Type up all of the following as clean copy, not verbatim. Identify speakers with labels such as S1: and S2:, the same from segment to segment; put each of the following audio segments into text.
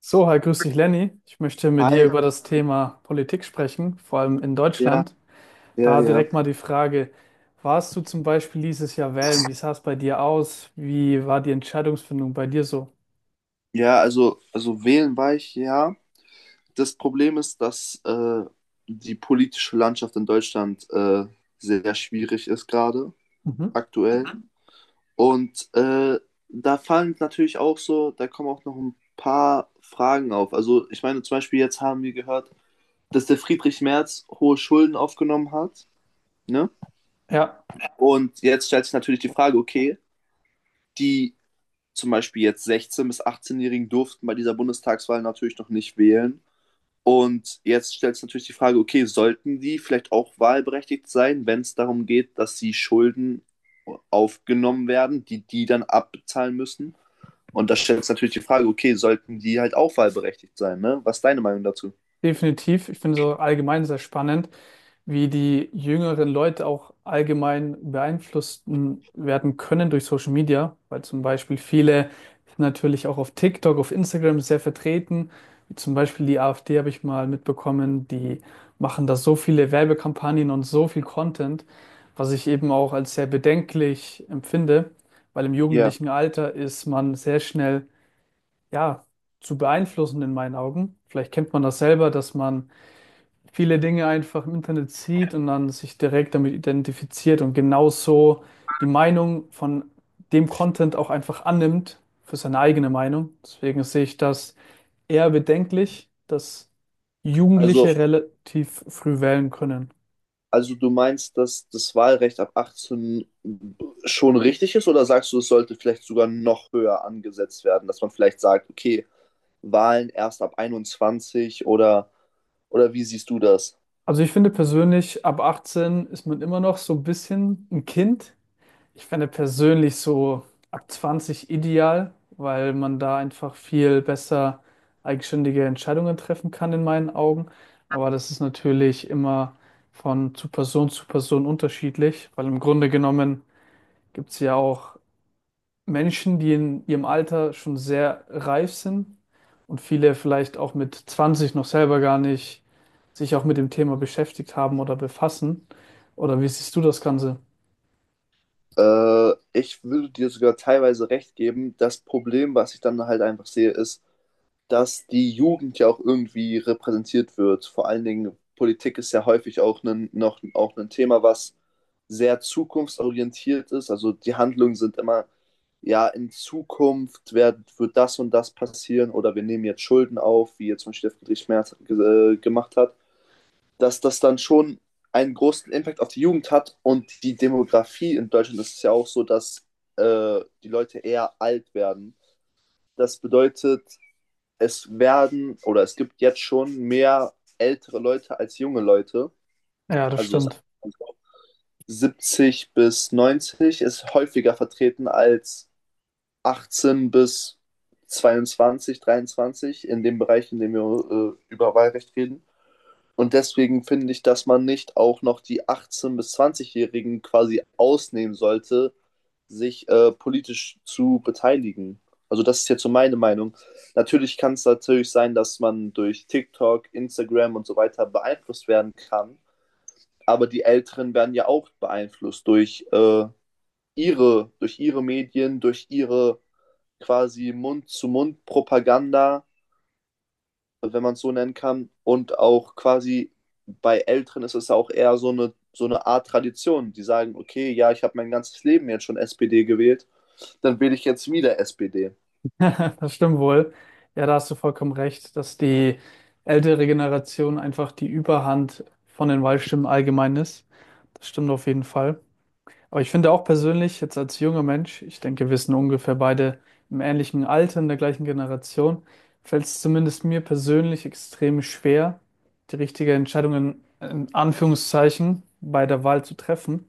S1: So, hi, grüß dich, Lenny. Ich möchte mit dir
S2: Hi,
S1: über das Thema Politik sprechen, vor allem in
S2: ja,
S1: Deutschland.
S2: ja,
S1: Da
S2: ja.
S1: direkt mal die Frage, warst du zum Beispiel dieses Jahr wählen? Wie sah es bei dir aus? Wie war die Entscheidungsfindung bei dir so?
S2: Ja, also wählen war ich, ja. Das Problem ist, dass die politische Landschaft in Deutschland sehr schwierig ist gerade,
S1: Mhm.
S2: aktuell. Mhm. Und da fallen natürlich auch so, da kommen auch noch ein paar Fragen auf. Also ich meine, zum Beispiel jetzt haben wir gehört, dass der Friedrich Merz hohe Schulden aufgenommen hat, ne?
S1: Ja,
S2: Und jetzt stellt sich natürlich die Frage, okay, die zum Beispiel jetzt 16- bis 18-Jährigen durften bei dieser Bundestagswahl natürlich noch nicht wählen. Und jetzt stellt sich natürlich die Frage, okay, sollten die vielleicht auch wahlberechtigt sein, wenn es darum geht, dass sie Schulden aufgenommen werden, die die dann abbezahlen müssen? Und da stellt sich natürlich die Frage, okay, sollten die halt auch wahlberechtigt sein, ne? Was ist deine Meinung dazu?
S1: definitiv. Ich finde es so allgemein sehr spannend, wie die jüngeren Leute auch allgemein beeinflusst werden können durch Social Media, weil zum Beispiel viele sind natürlich auch auf TikTok, auf Instagram sehr vertreten, wie zum Beispiel die AfD, habe ich mal mitbekommen, die machen da so viele Werbekampagnen und so viel Content, was ich eben auch als sehr bedenklich empfinde, weil im
S2: Ja, yeah.
S1: jugendlichen Alter ist man sehr schnell, ja, zu beeinflussen in meinen Augen. Vielleicht kennt man das selber, dass man viele Dinge einfach im Internet sieht und dann sich direkt damit identifiziert und genauso die Meinung von dem Content auch einfach annimmt für seine eigene Meinung. Deswegen sehe ich das eher bedenklich, dass
S2: Also
S1: Jugendliche relativ früh wählen können.
S2: Also du meinst, dass das Wahlrecht ab 18 schon richtig ist oder sagst du, es sollte vielleicht sogar noch höher angesetzt werden, dass man vielleicht sagt, okay, Wahlen erst ab 21 oder wie siehst du das?
S1: Also ich finde persönlich, ab 18 ist man immer noch so ein bisschen ein Kind. Ich fände persönlich so ab 20 ideal, weil man da einfach viel besser eigenständige Entscheidungen treffen kann in meinen Augen. Aber das ist natürlich immer von zu Person unterschiedlich, weil im Grunde genommen gibt es ja auch Menschen, die in ihrem Alter schon sehr reif sind, und viele vielleicht auch mit 20 noch selber gar nicht sich auch mit dem Thema beschäftigt haben oder befassen. Oder wie siehst du das Ganze?
S2: Ich würde dir sogar teilweise recht geben. Das Problem, was ich dann halt einfach sehe, ist, dass die Jugend ja auch irgendwie repräsentiert wird. Vor allen Dingen Politik ist ja häufig auch ein, noch auch ein Thema, was sehr zukunftsorientiert ist. Also die Handlungen sind immer, ja, in Zukunft wird das und das passieren oder wir nehmen jetzt Schulden auf, wie jetzt zum Beispiel der Friedrich Merz gemacht hat, dass das dann schon einen großen Impact auf die Jugend hat und die Demografie in Deutschland ist ja auch so, dass die Leute eher alt werden. Das bedeutet, es werden oder es gibt jetzt schon mehr ältere Leute als junge Leute.
S1: Ja, das
S2: Also
S1: stimmt.
S2: 70 bis 90 ist häufiger vertreten als 18 bis 22, 23 in dem Bereich, in dem wir über Wahlrecht reden. Und deswegen finde ich, dass man nicht auch noch die 18- bis 20-Jährigen quasi ausnehmen sollte, sich politisch zu beteiligen. Also das ist jetzt so meine Meinung. Natürlich kann es natürlich sein, dass man durch TikTok, Instagram und so weiter beeinflusst werden kann, aber die Älteren werden ja auch beeinflusst durch durch ihre Medien, durch ihre quasi Mund-zu-Mund-Propaganda, wenn man es so nennen kann. Und auch quasi bei Älteren ist es ja auch eher so eine Art Tradition. Die sagen, okay, ja, ich habe mein ganzes Leben jetzt schon SPD gewählt, dann wähle ich jetzt wieder SPD.
S1: Das stimmt wohl. Ja, da hast du vollkommen recht, dass die ältere Generation einfach die Überhand von den Wahlstimmen allgemein ist. Das stimmt auf jeden Fall. Aber ich finde auch persönlich, jetzt als junger Mensch, ich denke, wir sind ungefähr beide im ähnlichen Alter, in der gleichen Generation, fällt es zumindest mir persönlich extrem schwer, die richtige Entscheidung in Anführungszeichen bei der Wahl zu treffen.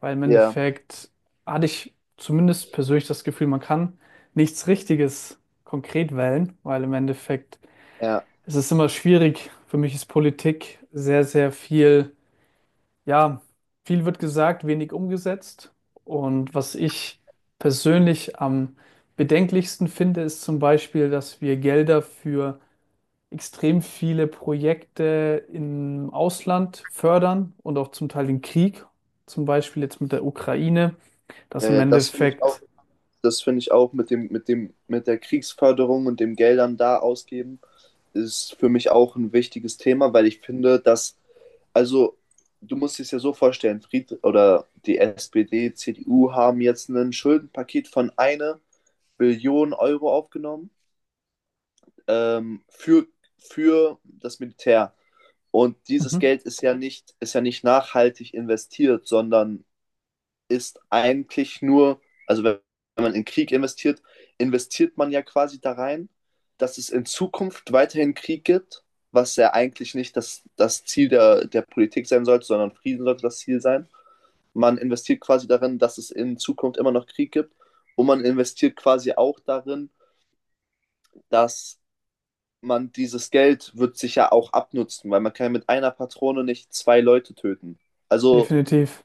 S1: Weil im
S2: Ja,
S1: Endeffekt hatte ich zumindest persönlich das Gefühl, man kann nichts Richtiges konkret wählen, weil im Endeffekt
S2: ja,
S1: ist es immer schwierig. Für mich ist Politik sehr, sehr viel, ja, viel wird gesagt, wenig umgesetzt. Und was ich persönlich am bedenklichsten finde, ist zum Beispiel, dass wir Gelder für extrem viele Projekte im Ausland fördern und auch zum Teil den Krieg, zum Beispiel jetzt mit der Ukraine. Das
S2: ja,
S1: im
S2: ja, das finde ich auch,
S1: Endeffekt
S2: das finde ich auch mit der Kriegsförderung und dem Geldern da ausgeben, ist für mich auch ein wichtiges Thema, weil ich finde, also du musst es ja so vorstellen, Fried oder die SPD, CDU haben jetzt ein Schuldenpaket von eine Billionen Euro aufgenommen ähm, für, für das Militär. Und dieses
S1: mhm.
S2: Geld ist ja nicht nachhaltig investiert, sondern ist eigentlich nur, also wenn man in Krieg investiert, investiert man ja quasi da rein, dass es in Zukunft weiterhin Krieg gibt, was ja eigentlich nicht das Ziel der Politik sein sollte, sondern Frieden sollte das Ziel sein. Man investiert quasi darin, dass es in Zukunft immer noch Krieg gibt und man investiert quasi auch darin, dass man dieses Geld wird sich ja auch abnutzen, weil man kann ja mit einer Patrone nicht zwei Leute töten. Also
S1: Definitiv,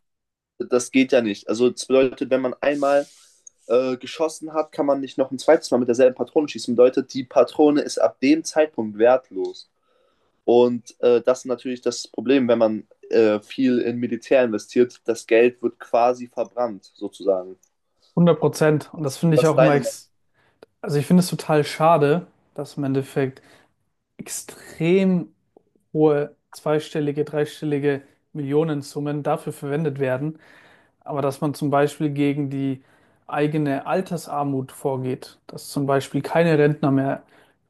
S2: das geht ja nicht. Also das bedeutet, wenn man einmal geschossen hat, kann man nicht noch ein zweites Mal mit derselben Patrone schießen. Bedeutet, die Patrone ist ab dem Zeitpunkt wertlos. Und das ist natürlich das Problem, wenn man viel in Militär investiert. Das Geld wird quasi verbrannt, sozusagen.
S1: 100%. Und das finde ich
S2: Das ist
S1: auch immer,
S2: deine Meinung.
S1: ex also ich finde es total schade, dass im Endeffekt extrem hohe zweistellige, dreistellige Millionensummen dafür verwendet werden, aber dass man zum Beispiel gegen die eigene Altersarmut vorgeht, dass zum Beispiel keine Rentner mehr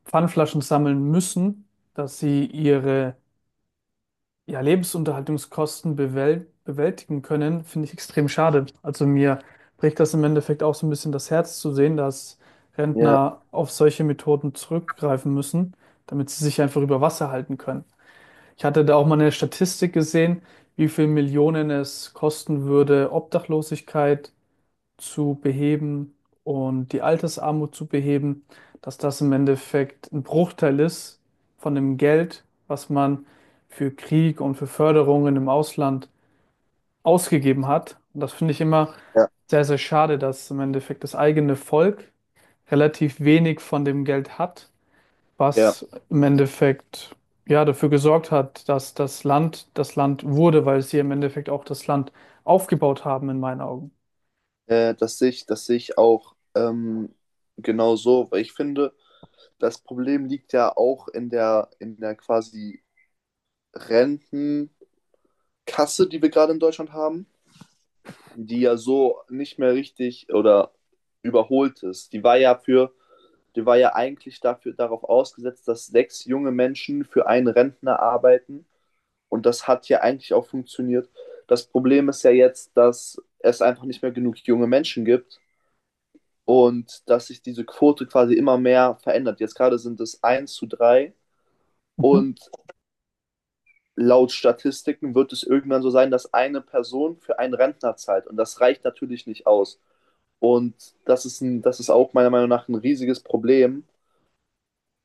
S1: Pfandflaschen sammeln müssen, dass sie ihre, ja, Lebensunterhaltungskosten bewältigen können, finde ich extrem schade. Also mir bricht das im Endeffekt auch so ein bisschen das Herz zu sehen, dass
S2: Ja,
S1: Rentner auf solche Methoden zurückgreifen müssen, damit sie sich einfach über Wasser halten können. Ich hatte da auch mal eine Statistik gesehen, wie viel Millionen es kosten würde, Obdachlosigkeit zu beheben und die Altersarmut zu beheben, dass das im Endeffekt ein Bruchteil ist von dem Geld, was man für Krieg und für Förderungen im Ausland ausgegeben hat. Und das finde ich immer
S2: ja,
S1: sehr, sehr schade, dass im Endeffekt das eigene Volk relativ wenig von dem Geld hat,
S2: ja.
S1: was im Endeffekt ja dafür gesorgt hat, dass das Land wurde, weil sie im Endeffekt auch das Land aufgebaut haben, in meinen Augen.
S2: Das sehe ich, das sehe ich, auch genau so, weil ich finde, das Problem liegt ja auch in der quasi Rentenkasse, die wir gerade in Deutschland haben, die ja so nicht mehr richtig oder überholt ist. Die war ja eigentlich dafür darauf ausgesetzt, dass sechs junge Menschen für einen Rentner arbeiten. Und das hat ja eigentlich auch funktioniert. Das Problem ist ja jetzt, dass es einfach nicht mehr genug junge Menschen gibt und dass sich diese Quote quasi immer mehr verändert. Jetzt gerade sind es 1:3 und laut Statistiken wird es irgendwann so sein, dass eine Person für einen Rentner zahlt. Und das reicht natürlich nicht aus. Und das ist auch meiner Meinung nach ein riesiges Problem,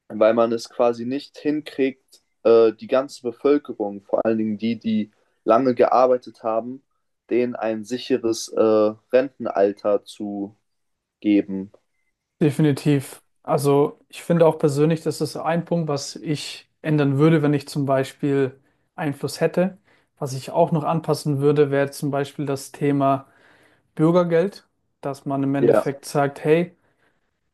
S2: weil man es quasi nicht hinkriegt, die ganze Bevölkerung, vor allen Dingen die, die lange gearbeitet haben, denen ein sicheres Rentenalter zu geben.
S1: Definitiv. Also ich finde auch persönlich, das ist ein Punkt, was ich ändern würde, wenn ich zum Beispiel Einfluss hätte. Was ich auch noch anpassen würde, wäre zum Beispiel das Thema Bürgergeld, dass man im
S2: Ja,
S1: Endeffekt sagt, hey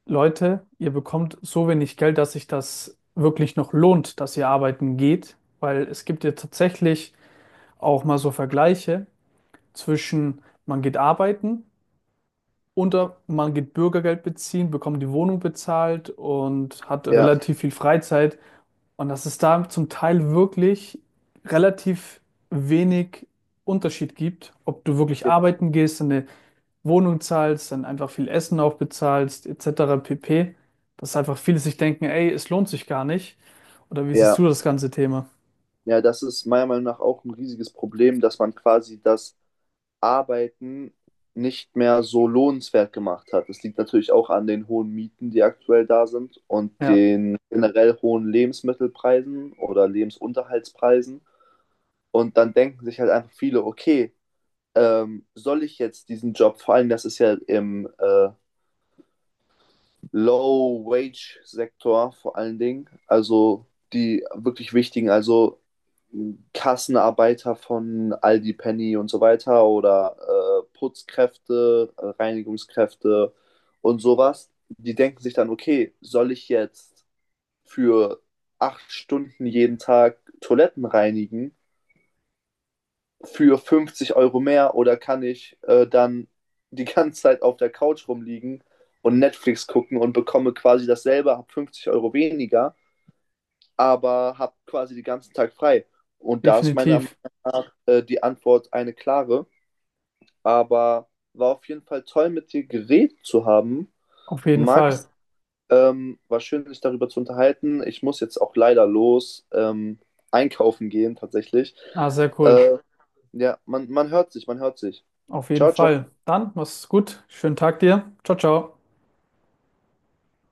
S1: Leute, ihr bekommt so wenig Geld, dass sich das wirklich noch lohnt, dass ihr arbeiten geht, weil es gibt ja tatsächlich auch mal so Vergleiche zwischen, man geht arbeiten unter, man geht Bürgergeld beziehen, bekommt die Wohnung bezahlt und hat
S2: ja,
S1: relativ viel Freizeit. Und dass es da zum Teil wirklich relativ wenig Unterschied gibt, ob du wirklich
S2: ja,
S1: arbeiten gehst, eine Wohnung zahlst, dann einfach viel Essen auch bezahlst, etc. pp. Dass einfach viele sich denken, ey, es lohnt sich gar nicht. Oder wie siehst
S2: ja.
S1: du das ganze Thema?
S2: Ja, das ist meiner Meinung nach auch ein riesiges Problem, dass man quasi das Arbeiten nicht mehr so lohnenswert gemacht hat. Das liegt natürlich auch an den hohen Mieten, die aktuell da sind, und
S1: Ja,
S2: den generell hohen Lebensmittelpreisen oder Lebensunterhaltspreisen. Und dann denken sich halt einfach viele, okay, soll ich jetzt diesen Job, vor allem das ist ja im Low-Wage-Sektor vor allen Dingen. Also die wirklich wichtigen, also Kassenarbeiter von Aldi, Penny und so weiter oder Putzkräfte, Reinigungskräfte und sowas. Die denken sich dann, okay, soll ich jetzt für 8 Stunden jeden Tag Toiletten reinigen? Für 50 Euro mehr oder kann ich dann die ganze Zeit auf der Couch rumliegen und Netflix gucken und bekomme quasi dasselbe, habe 50 Euro weniger, aber habe quasi den ganzen Tag frei. Und da ist meine
S1: definitiv.
S2: die Antwort eine klare. Aber war auf jeden Fall toll, mit dir geredet zu haben.
S1: Auf jeden Fall.
S2: Max, war schön, sich darüber zu unterhalten. Ich muss jetzt auch leider los, einkaufen gehen, tatsächlich.
S1: Ah, sehr cool.
S2: Äh, ja, man hört sich, man hört sich.
S1: Auf jeden
S2: Ciao, ciao.
S1: Fall. Dann, mach's gut. Schönen Tag dir. Ciao, ciao.